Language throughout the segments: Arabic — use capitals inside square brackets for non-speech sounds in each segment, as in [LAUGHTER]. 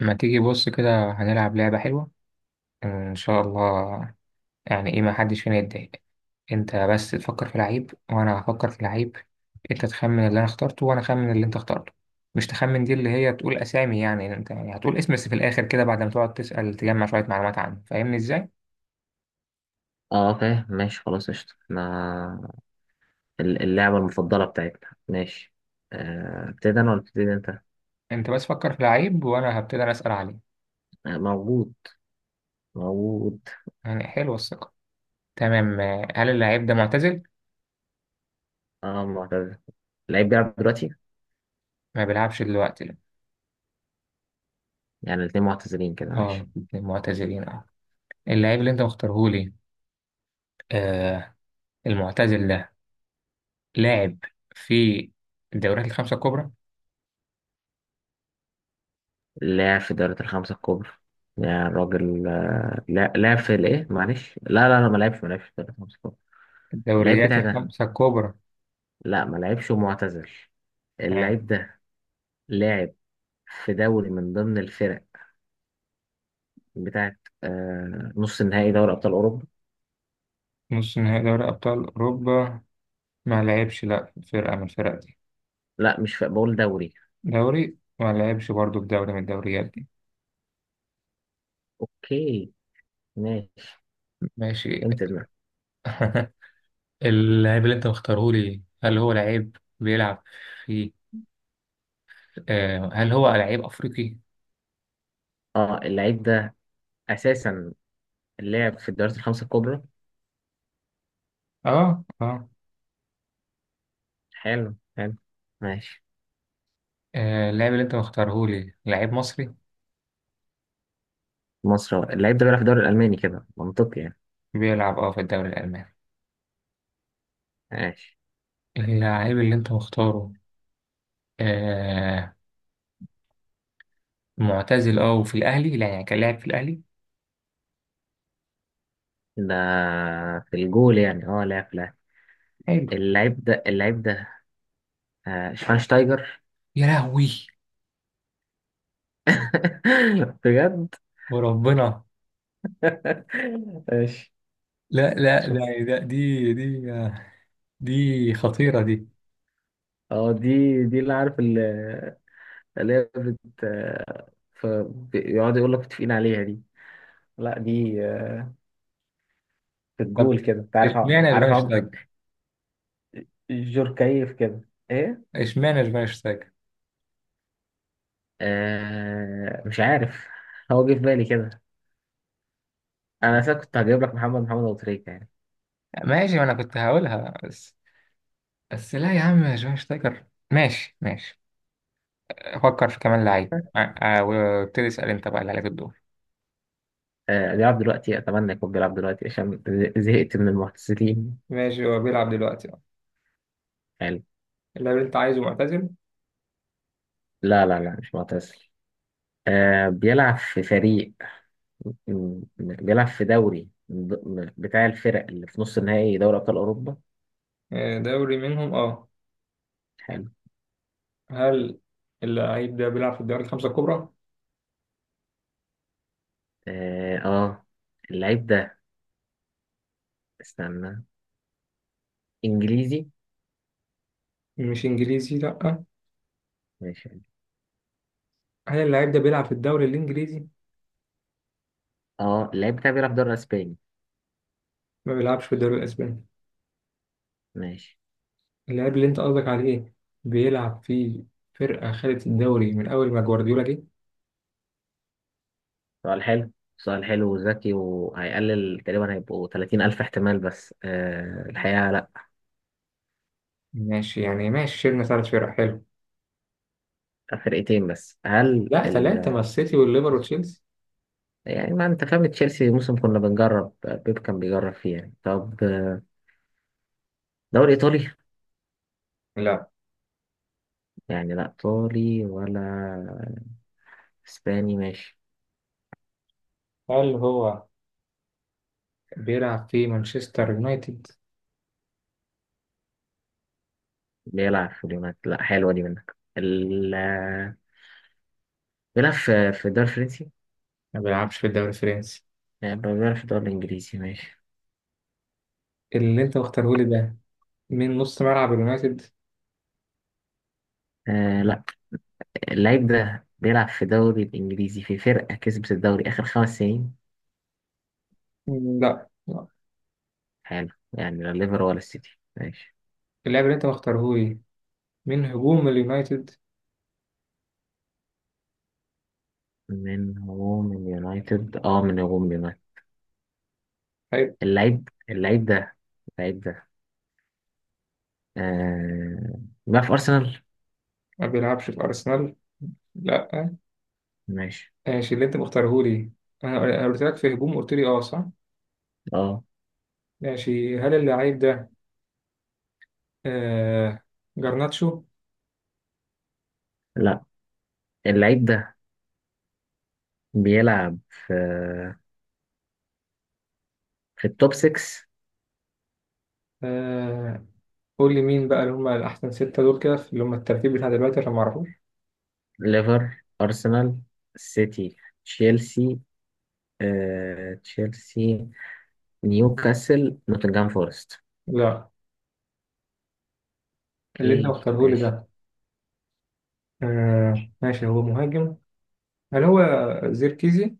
ما تيجي بص كده، هنلعب لعبة حلوة. آه، إن شاء الله. يعني إيه؟ ما حدش فينا يتضايق. أنت بس تفكر في لعيب وأنا هفكر في لعيب. أنت تخمن اللي أنا اخترته وأنا أخمن اللي أنت اخترته. مش تخمن دي اللي هي تقول أسامي، يعني أنت يعني هتقول اسم بس في الآخر كده بعد ما تقعد تسأل تجمع شوية معلومات عنه، فاهمني إزاي؟ اه فاهم ماشي خلاص قشطة ما اللعبة المفضلة بتاعتنا ماشي. ابتدي انا ولا ابتدي انت؟ أنت بس فكر في لعيب وأنا هبتدي أنا أسأل عليه. موجود موجود. يعني حلوة الثقة. تمام. هل اللعيب ده معتزل؟ اه معتزل. اللعيب بيلعب دلوقتي. ما بيلعبش دلوقتي، لا. يعني الاتنين معتزلين كده أه. ماشي. معتزلين، أه. اللعيب اللي أنت مختارهولي. آه. المعتزل ده. لاعب في الدوريات الخمسة الكبرى. لاعب في دوري الخمسة الكبرى. يعني الراجل لا لاعب في الايه معلش لا لا لا ما لعبش ما لعبش في دوري الخمسة الكبرى. اللعيب الدوريات بتاعي ده الخمسة الكبرى. لا ما لعبش ومعتزل. تمام. اللعيب ده لاعب في دوري من ضمن الفرق بتاعت نص النهائي دوري أبطال أوروبا. نص نهائي دوري أبطال أوروبا. ما لعبش لا في فرقة من الفرق دي. لا مش في بقول دوري. دوري، ما لعبش برضه في دوري من الدوريات دي. اوكي ماشي. ماشي. فهمت دماغك. [LAUGHS] اللاعب اللي أنت مختاره لي، هل هو لعيب بيلعب في آه هل هو لعيب أفريقي؟ اه اللعيب ده اساسا لعب في الدوريات الخمسه الكبرى. آه، آه. حلو حلو ماشي. آه، اللاعب اللي أنت مختاره لي لعيب مصري. مصر هو. اللعيب ده بيلعب في الدوري الالماني كده منطقي يعني. بيلعب في الدوري الألماني. ماشي. اللاعب اللي أنت مختاره. آه. معتزل اه، وفي الاهلي لا، يعني كان لاعب في الاهلي. ده في الجول يعني اه لعب. حلو. اللعيب ده شفاينشتايجر. يا لهوي. [LAUGHS] بجد. وربنا. [LAUGHS] ماشي. لا، لا، شوف ده. دي، دي خطيره دي. اه دي اللي عارف اللي هي بيقعدوا يقول لك متفقين عليها دي. لا دي في طب، الجول كده انت عارف اشمعنى عارف شفاينشتايجر؟ جوركايف كده ايه. اشمعنى شفاينشتايجر؟ مش عارف. هو جه في بالي كده. انا اساسا كنت هجيب لك محمد ابو تريكة يعني. ماشي، ما انا كنت هقولها بس. بس لا يا عم، شفاينشتايجر، ماشي ماشي. فكر في كمان لعيب، وابتدي اسال انت بقى، اللي عليك الدور. بيلعب دلوقتي اتمنى يكون بيلعب دلوقتي عشان زهقت من المعتزلين ماشي، هو بيلعب دلوقتي، اه. يعني. اللاعب اللي انت عايزه معتزل؟ لا لا لا مش معتزل. بيلعب في فريق بيلعب في دوري بتاع الفرق اللي في نص النهائي دوري ابطال اوروبا. آه، دوري منهم، اه. حلو. هل اللعيب ده بيلعب في الدوري الخمسة الكبرى؟ اه اللعيب ده استنى انجليزي مش انجليزي، لا. ماشي. هل اللاعب ده بيلعب في الدوري الانجليزي؟ اه اللعيب بتاعي بيلعب دوري اسباني. ما بيلعبش في الدوري الاسباني. ماشي. اللاعب اللي انت قصدك عليه بيلعب في فرقه خدت الدوري من اول ما جوارديولا جه. سؤال حلو. سؤال حلو وذكي وهيقلل تقريبا هيبقوا 30 ألف احتمال بس آه الحقيقة لا. ماشي يعني، ماشي، شيلنا ثلاث فرق، حلو. فرقتين بس هل لا ثلاثه، ما السيتي والليفر وتشيلسي. يعني ما انت فاهم تشيلسي موسم كنا بنجرب بيب كان بيجرب فيه يعني. طب دوري ايطالي. لا. يعني لا ايطالي ولا اسباني ماشي. هل هو بيلعب في مانشستر يونايتد؟ بيلعب في اليونايتد لا حلوة دي منك بيلعب في الدوري الفرنسي. ما بيلعبش في الدوري الفرنسي. يعني بيلعب في الدوري الانجليزي ماشي. اللي انت مختارهولي ده من نص ملعب اليونايتد. آه لا اللعيب ده بيلعب في الدوري الإنجليزي في فرقة كسبت الدوري آخر خمس سنين. لا، لا. حلو يعني لا ليفر ولا السيتي ماشي. اللاعب اللي انت مختارهولي من هجوم اليونايتد. من هو من يونايتد. طيب. اللعيب ده اللعيب ده آه بيلعب في أرسنال. ما بيلعبش في أرسنال، لا. ماشي. ماشي. اللي أنت مختاره لي، أنا قلت لك في هجوم، قلت لي أه، صح. اه ماشي، هل اللعيب ده آه جرناتشو؟ لا اللعيب ده بيلعب في التوب 6. آه، قول لي مين بقى اللي هم الأحسن ستة دول كده، اللي هم الترتيب بتاع دلوقتي عشان ما أعرفوش. ليفر أرسنال سيتي تشيلسي تشيلسي نيوكاسل نوتنغهام فورست. لا. اللي أنت اوكي مختاره لي ماشي. ده. آه، ماشي، هو مهاجم. هل هو زيركيزي؟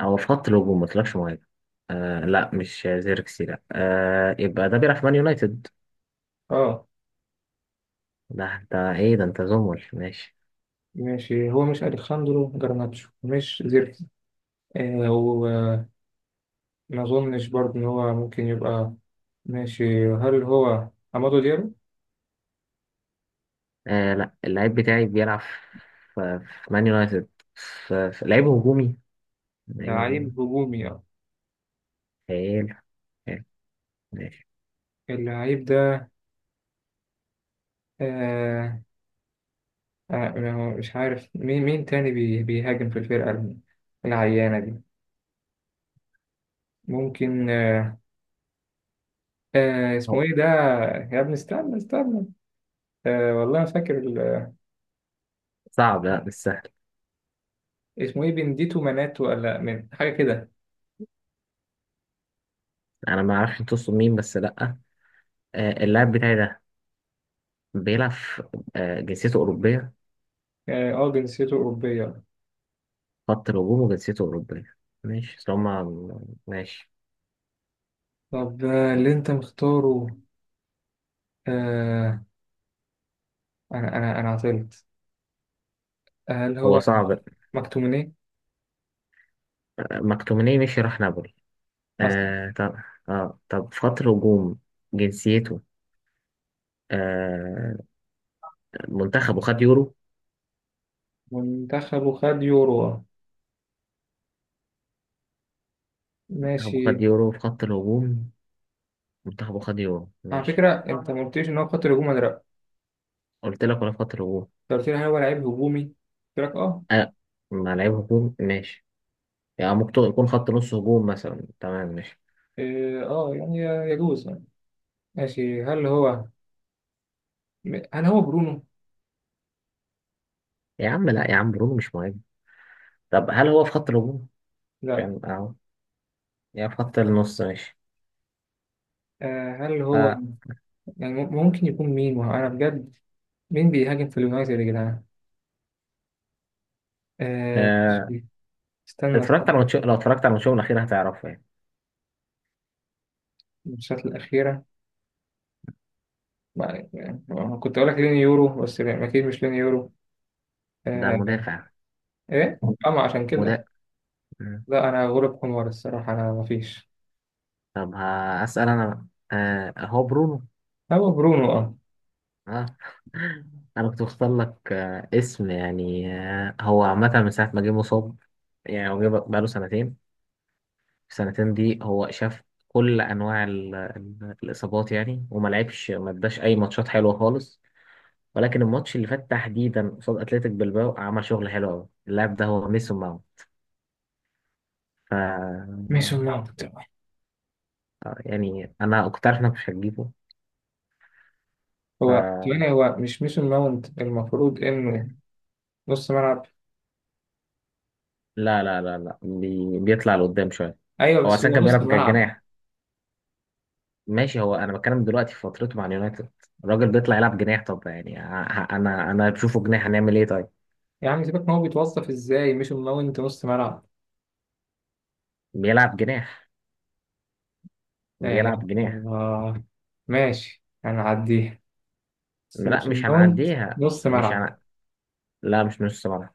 هو في خط الهجوم ما طلعش مهاجم. آه لا مش زيركسي لا آه يبقى ده بيلعب في مان يونايتد. أه. ده انت ايه ده انت زمل ماشي. ماشي، هو مش أليخاندرو جرناتشو، مش زيركيزي. آه. ما أظنش برضه إن هو ممكن يبقى. ماشي، هل هو عمادو ديالو؟ آه لا اللعيب بتاعي بيلعب في مان يونايتد. في لعيب هجومي. لعيب هجومي. لعيب هجومي، اه. حلو حلو ماشي. اللعيب ده. آه. آه، ما هو مش عارف مين تاني بيهاجم في الفرقة العيانة دي. ممكن، آه. آه، اسمه هو ايه ده؟ يا ابني، استنى استنى. آه، والله ما فاكر. صعب لا مش سهل. اسمه ايه؟ بنديتو مناتو، ولا من حاجة كده؟ انا ما اعرفش تقصد مين بس لا. آه اللاعب بتاعي ده بيلعب في- جنسيته اوروبيه. اه. آه، جنسيته أوروبية. خط الهجوم وجنسيته اوروبيه ماشي اصل هما ماشي. طب، اللي انت مختاره. آه، انا عطلت. هل هو هو صعب. مكتوميني؟ مكتوميني مشي راح نابولي. اصلا. آه طب. اه طب خط الهجوم. جنسيته آه منتخبه خد يورو. منتخبه خد يورو، آه. منتخبه ماشي. خد يورو في خط الهجوم. منتخبه خد يورو على ماشي. فكره انت ما قلتليش ان هو خط الهجوم ولا لا. قلت لك ولا في خط الهجوم. انت قلت لي هل هو لعيب هجومي، قلت لك اه. آه مع لعيب هجوم ماشي. يعني ممكن يكون خط نص هجوم مثلا تمام ماشي. إيه، اه يعني. يجوز يعني. ماشي، هل هو برونو؟ يا عم لا يا عم برونو مش مهم. طب هل هو في خط الهجوم؟ لا. كان اهو يا في خط النص ماشي. آه، هل هو. آه يعني ممكن يكون مين؟ ما هو انا بجد، مين بيهاجم في اليونايتد يا جدعان؟ آه، آه ماشي. استنى اتفرجت استنى. على ماتش لو اتفرجت على ماتشهم الأخير هتعرفه يعني. الماتشات الاخيره. يعني، كنت اقول لك لين يورو بس لا، اكيد مش لين يورو. ده آه. مدافع. ايه. اما عشان كده. مدافع. لا، انا غلب حمار الصراحه، انا مفيش. طب هسأل أنا بقى. آه هو برونو. هو برونو، اه. آه. [LAUGHS] أنا كنت بختار لك اسم يعني هو عامة من ساعة ما جه مصاب يعني. هو جه بقاله سنتين. السنتين دي هو شاف كل أنواع الإصابات يعني وما لعبش ما اداش أي ماتشات حلوة خالص. ولكن الماتش اللي فات تحديدا قصاد أتلتيك بلباو عمل شغل حلو أوي. اللاعب ده هو ميسون ماونت. ف ميسون ماونت. يعني أنا كنت عارف إنك مش هتجيبه. هو يعني هو مش ميسون ماونت؟ المفروض انه نص ملعب. لا لا لا لا بيطلع لقدام شويه. ايوه، هو بس اصلا هو كان نص بيلعب ملعب. جناح ماشي. هو انا بتكلم دلوقتي في فترته مع اليونايتد. الراجل بيطلع يلعب جناح طب يعني انا بشوفه جناح هنعمل ايه طيب. يعني سيبك، ما هو بيتوظف ازاي ميسون ماونت نص ملعب. بيلعب جناح. لا اله بيلعب الا جناح. الله. ماشي، هنعديها. بس لا ميسون مش ماونت هنعديها. نص مش ملعب. هن... لا مش نص ملعب.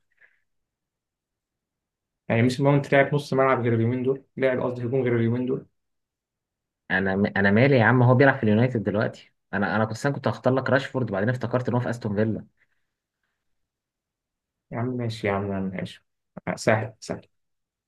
يعني ميسون ماونت لعب نص ملعب غير اليومين دول، لعب قصدي هجوم غير اليومين دول. انا مالي يا عم هو بيلعب في اليونايتد دلوقتي. انا كنت هختار لك راشفورد بعدين افتكرت ان هو في استون فيلا. يا عم ماشي يا عم، يا عم ماشي. آه، سهل سهل.